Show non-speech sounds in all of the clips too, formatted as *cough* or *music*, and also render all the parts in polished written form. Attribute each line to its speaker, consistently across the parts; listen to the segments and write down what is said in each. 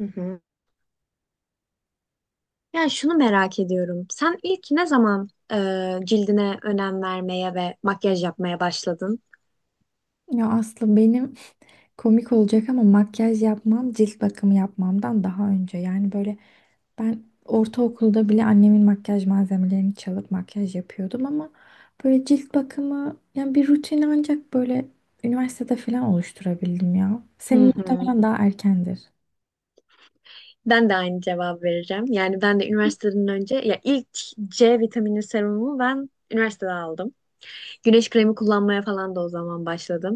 Speaker 1: Hı hı. Yani şunu merak ediyorum. Sen ilk ne zaman cildine önem vermeye ve makyaj yapmaya başladın?
Speaker 2: Ya Aslı benim komik olacak ama makyaj yapmam cilt bakımı yapmamdan daha önce. Yani böyle ben ortaokulda bile annemin makyaj malzemelerini çalıp makyaj yapıyordum ama böyle cilt bakımı yani bir rutin ancak böyle üniversitede falan oluşturabildim ya. Senin
Speaker 1: Hı hı.
Speaker 2: muhtemelen daha erkendir.
Speaker 1: Ben de aynı cevap vereceğim. Yani ben de üniversiteden önce ya ilk C vitamini serumumu ben üniversitede aldım. Güneş kremi kullanmaya falan da o zaman başladım.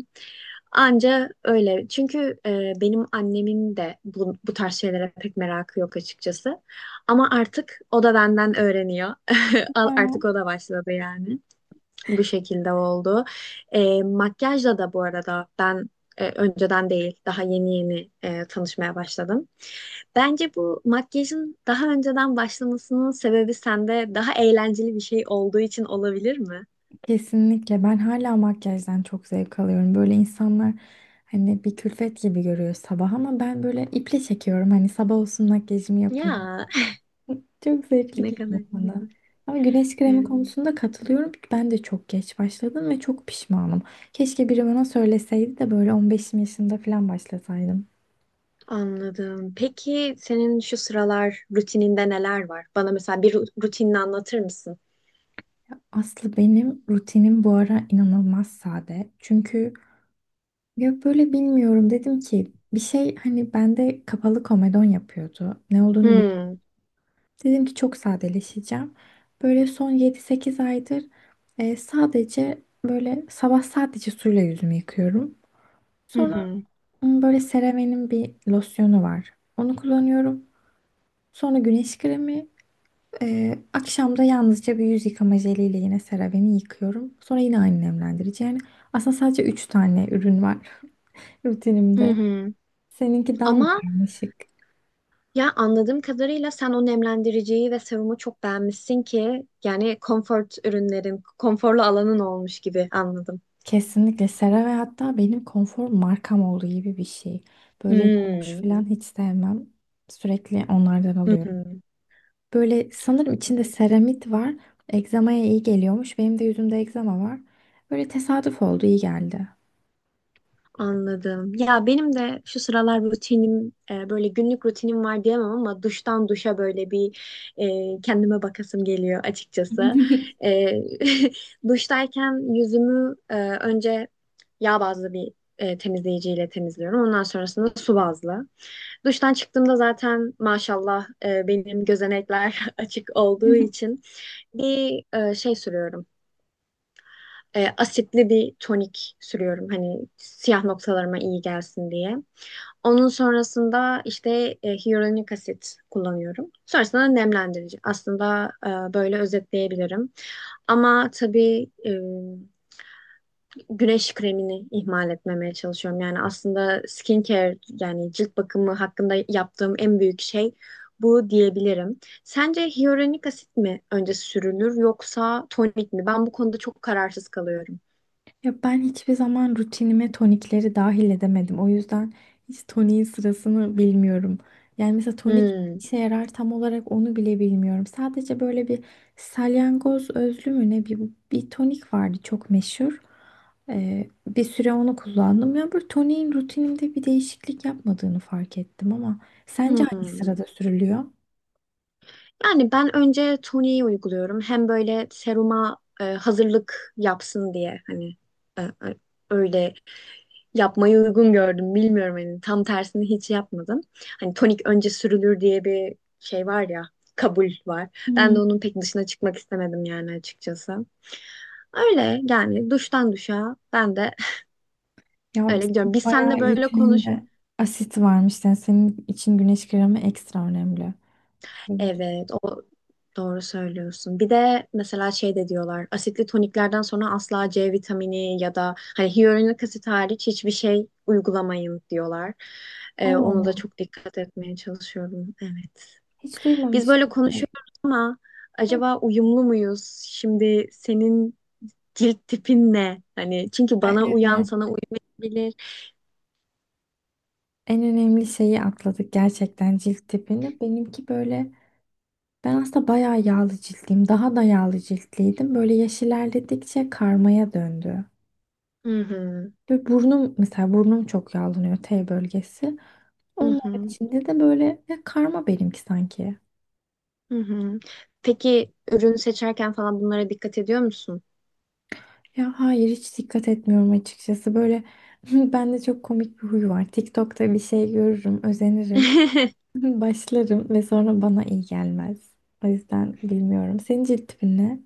Speaker 1: Anca öyle. Çünkü benim annemin de bu tarz şeylere pek merakı yok açıkçası. Ama artık o da benden öğreniyor. *laughs*
Speaker 2: Ya,
Speaker 1: Artık o da başladı yani. Bu şekilde oldu. Makyajla da bu arada ben önceden değil, daha yeni yeni tanışmaya başladım. Bence bu makyajın daha önceden başlamasının sebebi sende daha eğlenceli bir şey olduğu için olabilir mi?
Speaker 2: kesinlikle ben hala makyajdan çok zevk alıyorum. Böyle insanlar hani bir külfet gibi görüyor sabah ama ben böyle iple çekiyorum. Hani sabah olsun makyajımı yapayım.
Speaker 1: Ya
Speaker 2: Çok
Speaker 1: *laughs*
Speaker 2: zevkli
Speaker 1: ne kadar
Speaker 2: geliyor bana.
Speaker 1: güzel.
Speaker 2: Ama güneş kremi
Speaker 1: Evet,
Speaker 2: konusunda katılıyorum. Ben de çok geç başladım ve çok pişmanım. Keşke biri bana söyleseydi de böyle 15'im yaşında falan başlasaydım.
Speaker 1: anladım. Peki senin şu sıralar rutininde neler var? Bana mesela bir rutinini anlatır mısın?
Speaker 2: Aslı benim rutinim bu ara inanılmaz sade. Çünkü ya böyle bilmiyorum dedim ki bir şey hani bende kapalı komedon yapıyordu. Ne olduğunu bilmiyorum.
Speaker 1: Hmm.
Speaker 2: Dedim ki çok sadeleşeceğim. Böyle son 7-8 aydır sadece böyle sabah sadece suyla yüzümü yıkıyorum.
Speaker 1: Hı
Speaker 2: Sonra
Speaker 1: hı.
Speaker 2: Böyle CeraVe'nin bir losyonu var. Onu kullanıyorum. Sonra güneş kremi. Akşam da yalnızca bir yüz yıkama jeliyle yine CeraVe'ni yıkıyorum. Sonra yine aynı nemlendirici. Yani aslında sadece 3 tane ürün var *laughs*
Speaker 1: Hı
Speaker 2: rutinimde.
Speaker 1: hı.
Speaker 2: Seninki daha mı
Speaker 1: Ama
Speaker 2: karmaşık?
Speaker 1: ya anladığım kadarıyla sen o nemlendiriciyi ve serumu çok beğenmişsin ki yani konfort ürünlerin, konforlu alanın olmuş gibi anladım.
Speaker 2: Kesinlikle CeraVe hatta benim konfor markam olduğu gibi bir şey. Böyle kuş
Speaker 1: Hmm.
Speaker 2: falan hiç sevmem. Sürekli onlardan
Speaker 1: Hı
Speaker 2: alıyorum.
Speaker 1: hı.
Speaker 2: Böyle sanırım içinde seramit var. Egzamaya iyi geliyormuş. Benim de yüzümde egzama var. Böyle tesadüf oldu, iyi geldi.
Speaker 1: Anladım. Ya benim de şu sıralar rutinim böyle günlük rutinim var diyemem ama duştan duşa böyle bir kendime bakasım geliyor açıkçası. E, *laughs* duştayken yüzümü önce yağ bazlı bir temizleyiciyle temizliyorum. Ondan sonrasında su bazlı. Duştan çıktığımda zaten maşallah benim gözenekler *laughs* açık olduğu
Speaker 2: *laughs*
Speaker 1: için bir şey sürüyorum. Asitli bir tonik sürüyorum hani siyah noktalarıma iyi gelsin diye. Onun sonrasında işte hyaluronik asit kullanıyorum. Sonrasında nemlendirici. Aslında böyle özetleyebilirim. Ama tabii güneş kremini ihmal etmemeye çalışıyorum. Yani aslında skincare yani cilt bakımı hakkında yaptığım en büyük şey bu diyebilirim. Sence hyaluronik asit mi önce sürülür yoksa tonik mi? Ben bu konuda çok kararsız kalıyorum.
Speaker 2: Ya ben hiçbir zaman rutinime tonikleri dahil edemedim. O yüzden hiç toniğin sırasını bilmiyorum. Yani mesela tonik
Speaker 1: Hmm.
Speaker 2: işe yarar tam olarak onu bile bilmiyorum. Sadece böyle bir salyangoz özlü mü ne bir, bir tonik vardı çok meşhur. Bir süre onu kullandım. Ya bu toniğin rutinimde bir değişiklik yapmadığını fark ettim ama sence hangi
Speaker 1: Hmm.
Speaker 2: sırada sürülüyor?
Speaker 1: Yani ben önce toniği uyguluyorum. Hem böyle seruma hazırlık yapsın diye hani e, e, öyle yapmayı uygun gördüm. Bilmiyorum hani tam tersini hiç yapmadım. Hani tonik önce sürülür diye bir şey var ya, kabul var. Ben
Speaker 2: Hmm.
Speaker 1: de onun pek dışına çıkmak istemedim yani açıkçası. Öyle yani duştan duşa ben de
Speaker 2: Ya
Speaker 1: *laughs*
Speaker 2: sen
Speaker 1: öyle gidiyorum. Biz
Speaker 2: bayağı
Speaker 1: seninle böyle konuş.
Speaker 2: rutininde asit varmış. Yani senin için güneş kremi ekstra önemli.
Speaker 1: Evet, o doğru söylüyorsun. Bir de mesela şey de diyorlar. Asitli toniklerden sonra asla C vitamini ya da hani hyaluronik asit hariç hiçbir şey uygulamayın diyorlar.
Speaker 2: Allah
Speaker 1: Ona da
Speaker 2: Allah.
Speaker 1: çok dikkat etmeye çalışıyorum. Evet.
Speaker 2: Hiç
Speaker 1: Biz böyle
Speaker 2: duymamıştım.
Speaker 1: konuşuyoruz ama
Speaker 2: Hı.
Speaker 1: acaba uyumlu muyuz? Şimdi senin cilt tipin ne? Hani çünkü
Speaker 2: Ay,
Speaker 1: bana uyan
Speaker 2: evet.
Speaker 1: sana uymayabilir.
Speaker 2: En önemli şeyi atladık gerçekten cilt tipini. Benimki böyle ben aslında bayağı yağlı ciltliyim. Daha da yağlı ciltliydim. Böyle yaş ilerledikçe karmaya döndü.
Speaker 1: Hı hı,
Speaker 2: Ve burnum mesela burnum çok yağlanıyor T bölgesi.
Speaker 1: hı
Speaker 2: Onun
Speaker 1: hı,
Speaker 2: içinde de böyle ya karma benimki sanki.
Speaker 1: hı hı. Peki ürün seçerken falan bunlara dikkat ediyor musun?
Speaker 2: Ya hayır hiç dikkat etmiyorum açıkçası. Böyle *laughs* bende çok komik bir huy var. TikTok'ta bir şey görürüm, özenirim. *laughs*
Speaker 1: *laughs*
Speaker 2: Başlarım ve sonra bana iyi gelmez. O yüzden bilmiyorum. Senin cilt tipin ne?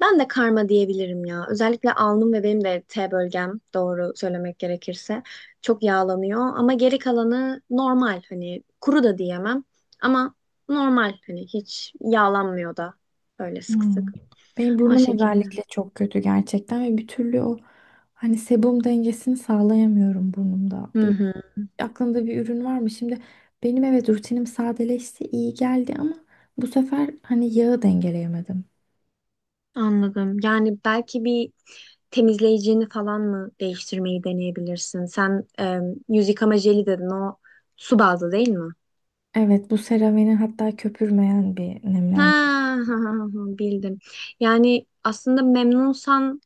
Speaker 1: Ben de karma diyebilirim ya. Özellikle alnım ve benim de T bölgem doğru söylemek gerekirse çok yağlanıyor ama geri kalanı normal hani kuru da diyemem ama normal hani hiç yağlanmıyor da öyle sık
Speaker 2: Hmm.
Speaker 1: sık.
Speaker 2: Benim
Speaker 1: O
Speaker 2: burnum
Speaker 1: şekilde.
Speaker 2: özellikle çok kötü gerçekten ve bir türlü o hani sebum dengesini sağlayamıyorum burnumda.
Speaker 1: Hı hı,
Speaker 2: Aklında bir ürün var mı? Şimdi benim evet rutinim sadeleşti, iyi geldi ama bu sefer hani yağı dengeleyemedim.
Speaker 1: anladım. Yani belki bir temizleyicini falan mı değiştirmeyi deneyebilirsin? Sen yüz yıkama jeli dedin. O su bazlı değil mi?
Speaker 2: Evet bu CeraVe'nin hatta köpürmeyen bir
Speaker 1: Ha,
Speaker 2: nemlendirici.
Speaker 1: *laughs* ha, ha, ha, bildim. Yani aslında memnunsan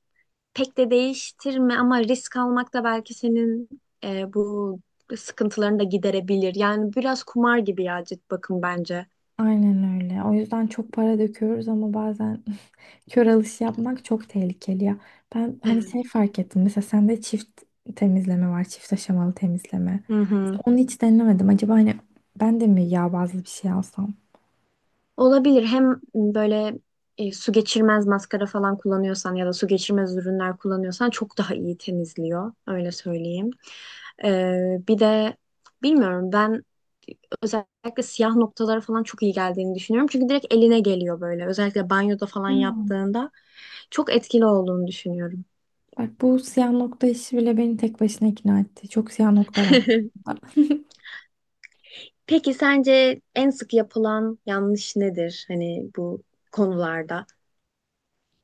Speaker 1: pek de değiştirme ama risk almak da belki senin bu sıkıntılarını da giderebilir. Yani biraz kumar gibi ya cilt bakım bence.
Speaker 2: Aynen öyle. O yüzden çok para döküyoruz ama bazen *laughs* kör alış yapmak çok tehlikeli ya. Ben hani
Speaker 1: Evet.
Speaker 2: şey fark ettim. Mesela sende çift temizleme var. Çift aşamalı temizleme.
Speaker 1: Hı hı.
Speaker 2: Onu hiç denemedim. Acaba hani ben de mi yağ bazlı bir şey alsam?
Speaker 1: Olabilir. Hem böyle su geçirmez maskara falan kullanıyorsan ya da su geçirmez ürünler kullanıyorsan çok daha iyi temizliyor. Öyle söyleyeyim. Bir de bilmiyorum ben özellikle siyah noktalara falan çok iyi geldiğini düşünüyorum. Çünkü direkt eline geliyor böyle. Özellikle banyoda falan
Speaker 2: Ya.
Speaker 1: yaptığında çok etkili olduğunu düşünüyorum.
Speaker 2: Bak bu siyah nokta işi bile beni tek başına ikna etti. Çok siyah nokta var.
Speaker 1: *laughs*
Speaker 2: *laughs*
Speaker 1: Peki sence en sık yapılan yanlış nedir? Hani bu konularda.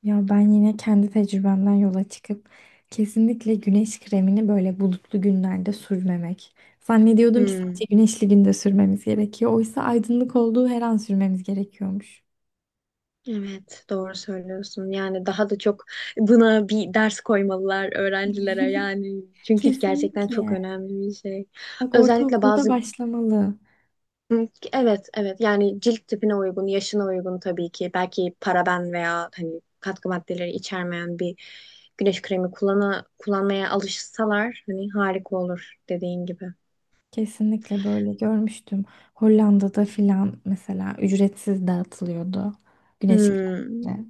Speaker 2: Ya ben yine kendi tecrübemden yola çıkıp kesinlikle güneş kremini böyle bulutlu günlerde sürmemek. Zannediyordum ki sadece
Speaker 1: Hmm.
Speaker 2: güneşli günde sürmemiz gerekiyor. Oysa aydınlık olduğu her an sürmemiz gerekiyormuş.
Speaker 1: Evet, doğru söylüyorsun. Yani daha da çok buna bir ders koymalılar öğrencilere yani. Çünkü gerçekten çok
Speaker 2: Kesinlikle.
Speaker 1: önemli bir şey.
Speaker 2: Bak
Speaker 1: Özellikle
Speaker 2: ortaokulda
Speaker 1: bazı
Speaker 2: başlamalı.
Speaker 1: evet, evet. Yani cilt tipine uygun, yaşına uygun tabii ki. Belki paraben veya hani katkı maddeleri içermeyen bir güneş kremi kullanmaya alışsalar hani harika olur dediğin gibi.
Speaker 2: Kesinlikle böyle görmüştüm. Hollanda'da filan mesela ücretsiz dağıtılıyordu. Güneş
Speaker 1: Hmm.
Speaker 2: kremleri.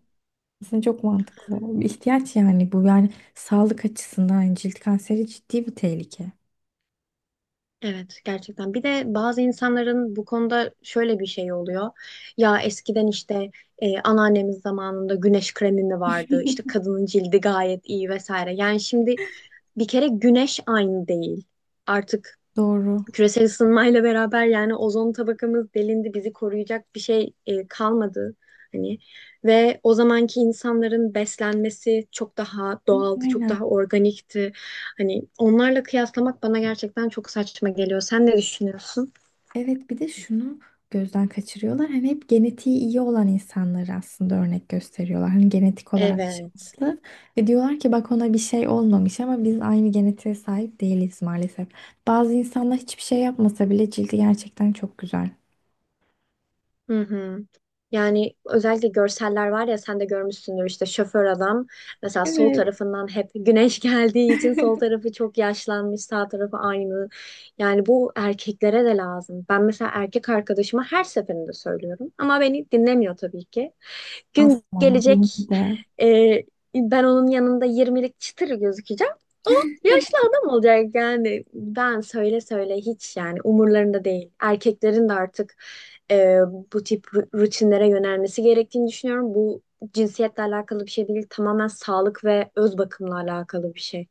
Speaker 2: Aslında çok mantıklı. Bir ihtiyaç yani bu. Yani sağlık açısından cilt kanseri ciddi bir tehlike.
Speaker 1: Evet gerçekten. Bir de bazı insanların bu konuda şöyle bir şey oluyor. Ya eskiden işte anneannemiz zamanında güneş kremi mi vardı? İşte
Speaker 2: *laughs*
Speaker 1: kadının cildi gayet iyi vesaire. Yani şimdi bir kere güneş aynı değil. Artık
Speaker 2: Doğru.
Speaker 1: küresel ısınmayla beraber yani ozon tabakamız delindi, bizi koruyacak bir şey kalmadı hani ve o zamanki insanların beslenmesi çok daha doğaldı, çok
Speaker 2: Aynen.
Speaker 1: daha organikti. Hani onlarla kıyaslamak bana gerçekten çok saçma geliyor. Sen ne düşünüyorsun?
Speaker 2: Evet bir de şunu gözden kaçırıyorlar. Hani hep genetiği iyi olan insanları aslında örnek gösteriyorlar. Hani genetik olarak
Speaker 1: Evet.
Speaker 2: şanslı. Ve diyorlar ki bak ona bir şey olmamış ama biz aynı genetiğe sahip değiliz maalesef. Bazı insanlar hiçbir şey yapmasa bile cildi gerçekten çok güzel.
Speaker 1: Hı hı. Yani özellikle görseller var ya sen de görmüşsündür işte şoför adam mesela sol
Speaker 2: Evet.
Speaker 1: tarafından hep güneş *laughs* geldiği için sol
Speaker 2: *laughs*
Speaker 1: tarafı çok yaşlanmış sağ tarafı aynı. Yani bu erkeklere de lazım. Ben mesela erkek arkadaşıma her seferinde söylüyorum ama beni dinlemiyor tabii ki. Gün
Speaker 2: Asla. Benimki
Speaker 1: gelecek
Speaker 2: de.
Speaker 1: e, ben onun yanında 20'lik çıtır gözükeceğim. O yaşlı adam olacak yani ben söyle söyle hiç yani umurlarında değil. Erkeklerin de artık e, bu tip rutinlere yönelmesi gerektiğini düşünüyorum. Bu cinsiyetle alakalı bir şey değil, tamamen sağlık ve öz bakımla alakalı bir şey.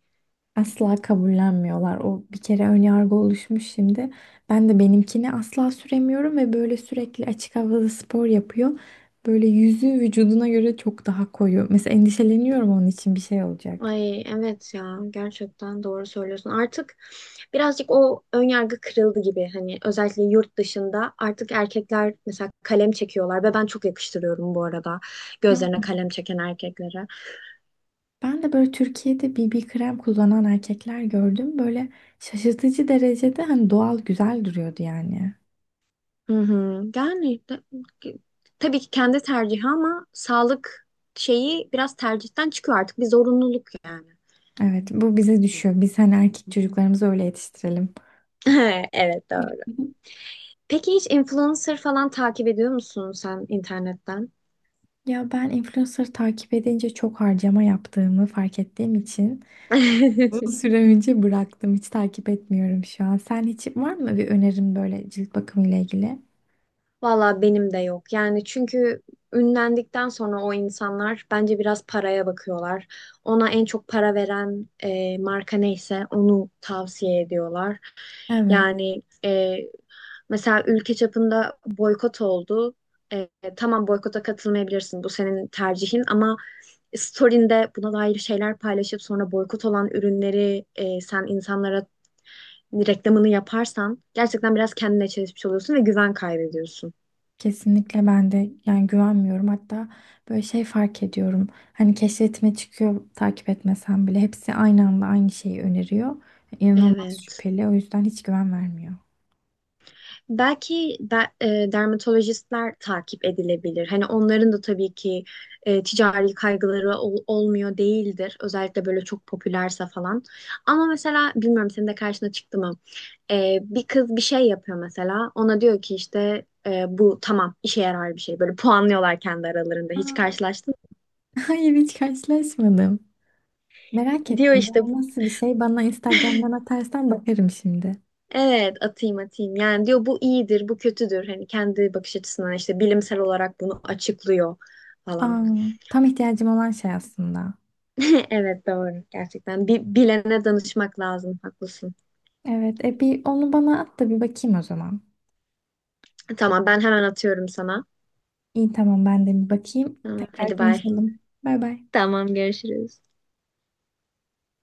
Speaker 2: Asla kabullenmiyorlar. O bir kere ön yargı oluşmuş şimdi. Ben de benimkini asla süremiyorum ve böyle sürekli açık havada spor yapıyor. Böyle yüzü vücuduna göre çok daha koyu. Mesela endişeleniyorum onun için bir şey olacak.
Speaker 1: Ay evet ya gerçekten doğru söylüyorsun. Artık birazcık o ön yargı kırıldı gibi. Hani özellikle yurt dışında artık erkekler mesela kalem çekiyorlar ve ben çok yakıştırıyorum bu arada
Speaker 2: Ya
Speaker 1: gözlerine kalem çeken erkeklere.
Speaker 2: ben de böyle Türkiye'de BB krem kullanan erkekler gördüm. Böyle şaşırtıcı derecede hani doğal güzel duruyordu yani.
Speaker 1: Hı hı. Yani tabii ki kendi tercihi ama sağlık şeyi biraz tercihten çıkıyor artık bir zorunluluk yani.
Speaker 2: Evet bu bize düşüyor. Biz hani erkek çocuklarımızı öyle yetiştirelim.
Speaker 1: *laughs* Evet doğru. Peki hiç influencer falan takip ediyor musun sen internetten?
Speaker 2: Ya ben influencer takip edince çok harcama yaptığımı fark ettiğim için
Speaker 1: *laughs*
Speaker 2: süre önce bıraktım. Hiç takip etmiyorum şu an. Sen hiç var mı bir önerin böyle cilt bakımı ile ilgili?
Speaker 1: Valla benim de yok. Yani çünkü ünlendikten sonra o insanlar bence biraz paraya bakıyorlar. Ona en çok para veren marka neyse onu tavsiye ediyorlar.
Speaker 2: Evet,
Speaker 1: Yani mesela ülke çapında boykot oldu. E, tamam boykota katılmayabilirsin bu senin tercihin ama story'inde buna dair şeyler paylaşıp sonra boykot olan ürünleri sen insanlara reklamını yaparsan gerçekten biraz kendine çelişmiş oluyorsun ve güven kaybediyorsun.
Speaker 2: kesinlikle ben de yani güvenmiyorum. Hatta böyle şey fark ediyorum. Hani keşfetime çıkıyor takip etmesem bile hepsi aynı anda aynı şeyi öneriyor. İnanılmaz
Speaker 1: Evet.
Speaker 2: şüpheli. O yüzden hiç güven vermiyor.
Speaker 1: Belki dermatolojistler takip edilebilir. Hani onların da tabii ki ticari kaygıları olmuyor değildir. Özellikle böyle çok popülerse falan. Ama mesela bilmiyorum senin de karşına çıktı mı? Bir kız bir şey yapıyor mesela. Ona diyor ki işte bu tamam işe yarar bir şey. Böyle puanlıyorlar kendi aralarında. Hiç
Speaker 2: Aa.
Speaker 1: karşılaştın
Speaker 2: *laughs* Hayır hiç karşılaşmadım. Merak
Speaker 1: mı? Diyor
Speaker 2: ettim.
Speaker 1: işte
Speaker 2: Bu nasıl bir şey? Bana Instagram'dan atarsan bakarım şimdi.
Speaker 1: evet atayım atayım. Yani diyor bu iyidir, bu kötüdür. Hani kendi bakış açısından işte bilimsel olarak bunu açıklıyor
Speaker 2: Aa,
Speaker 1: falan.
Speaker 2: tam ihtiyacım olan şey aslında.
Speaker 1: *laughs* Evet doğru gerçekten. Bir bilene danışmak lazım. Haklısın.
Speaker 2: Evet, bir onu bana at da bir bakayım o zaman.
Speaker 1: Tamam ben hemen atıyorum sana.
Speaker 2: İyi tamam ben de bir bakayım.
Speaker 1: Tamam,
Speaker 2: Tekrar
Speaker 1: hadi bay.
Speaker 2: konuşalım. Bay bay.
Speaker 1: Tamam görüşürüz.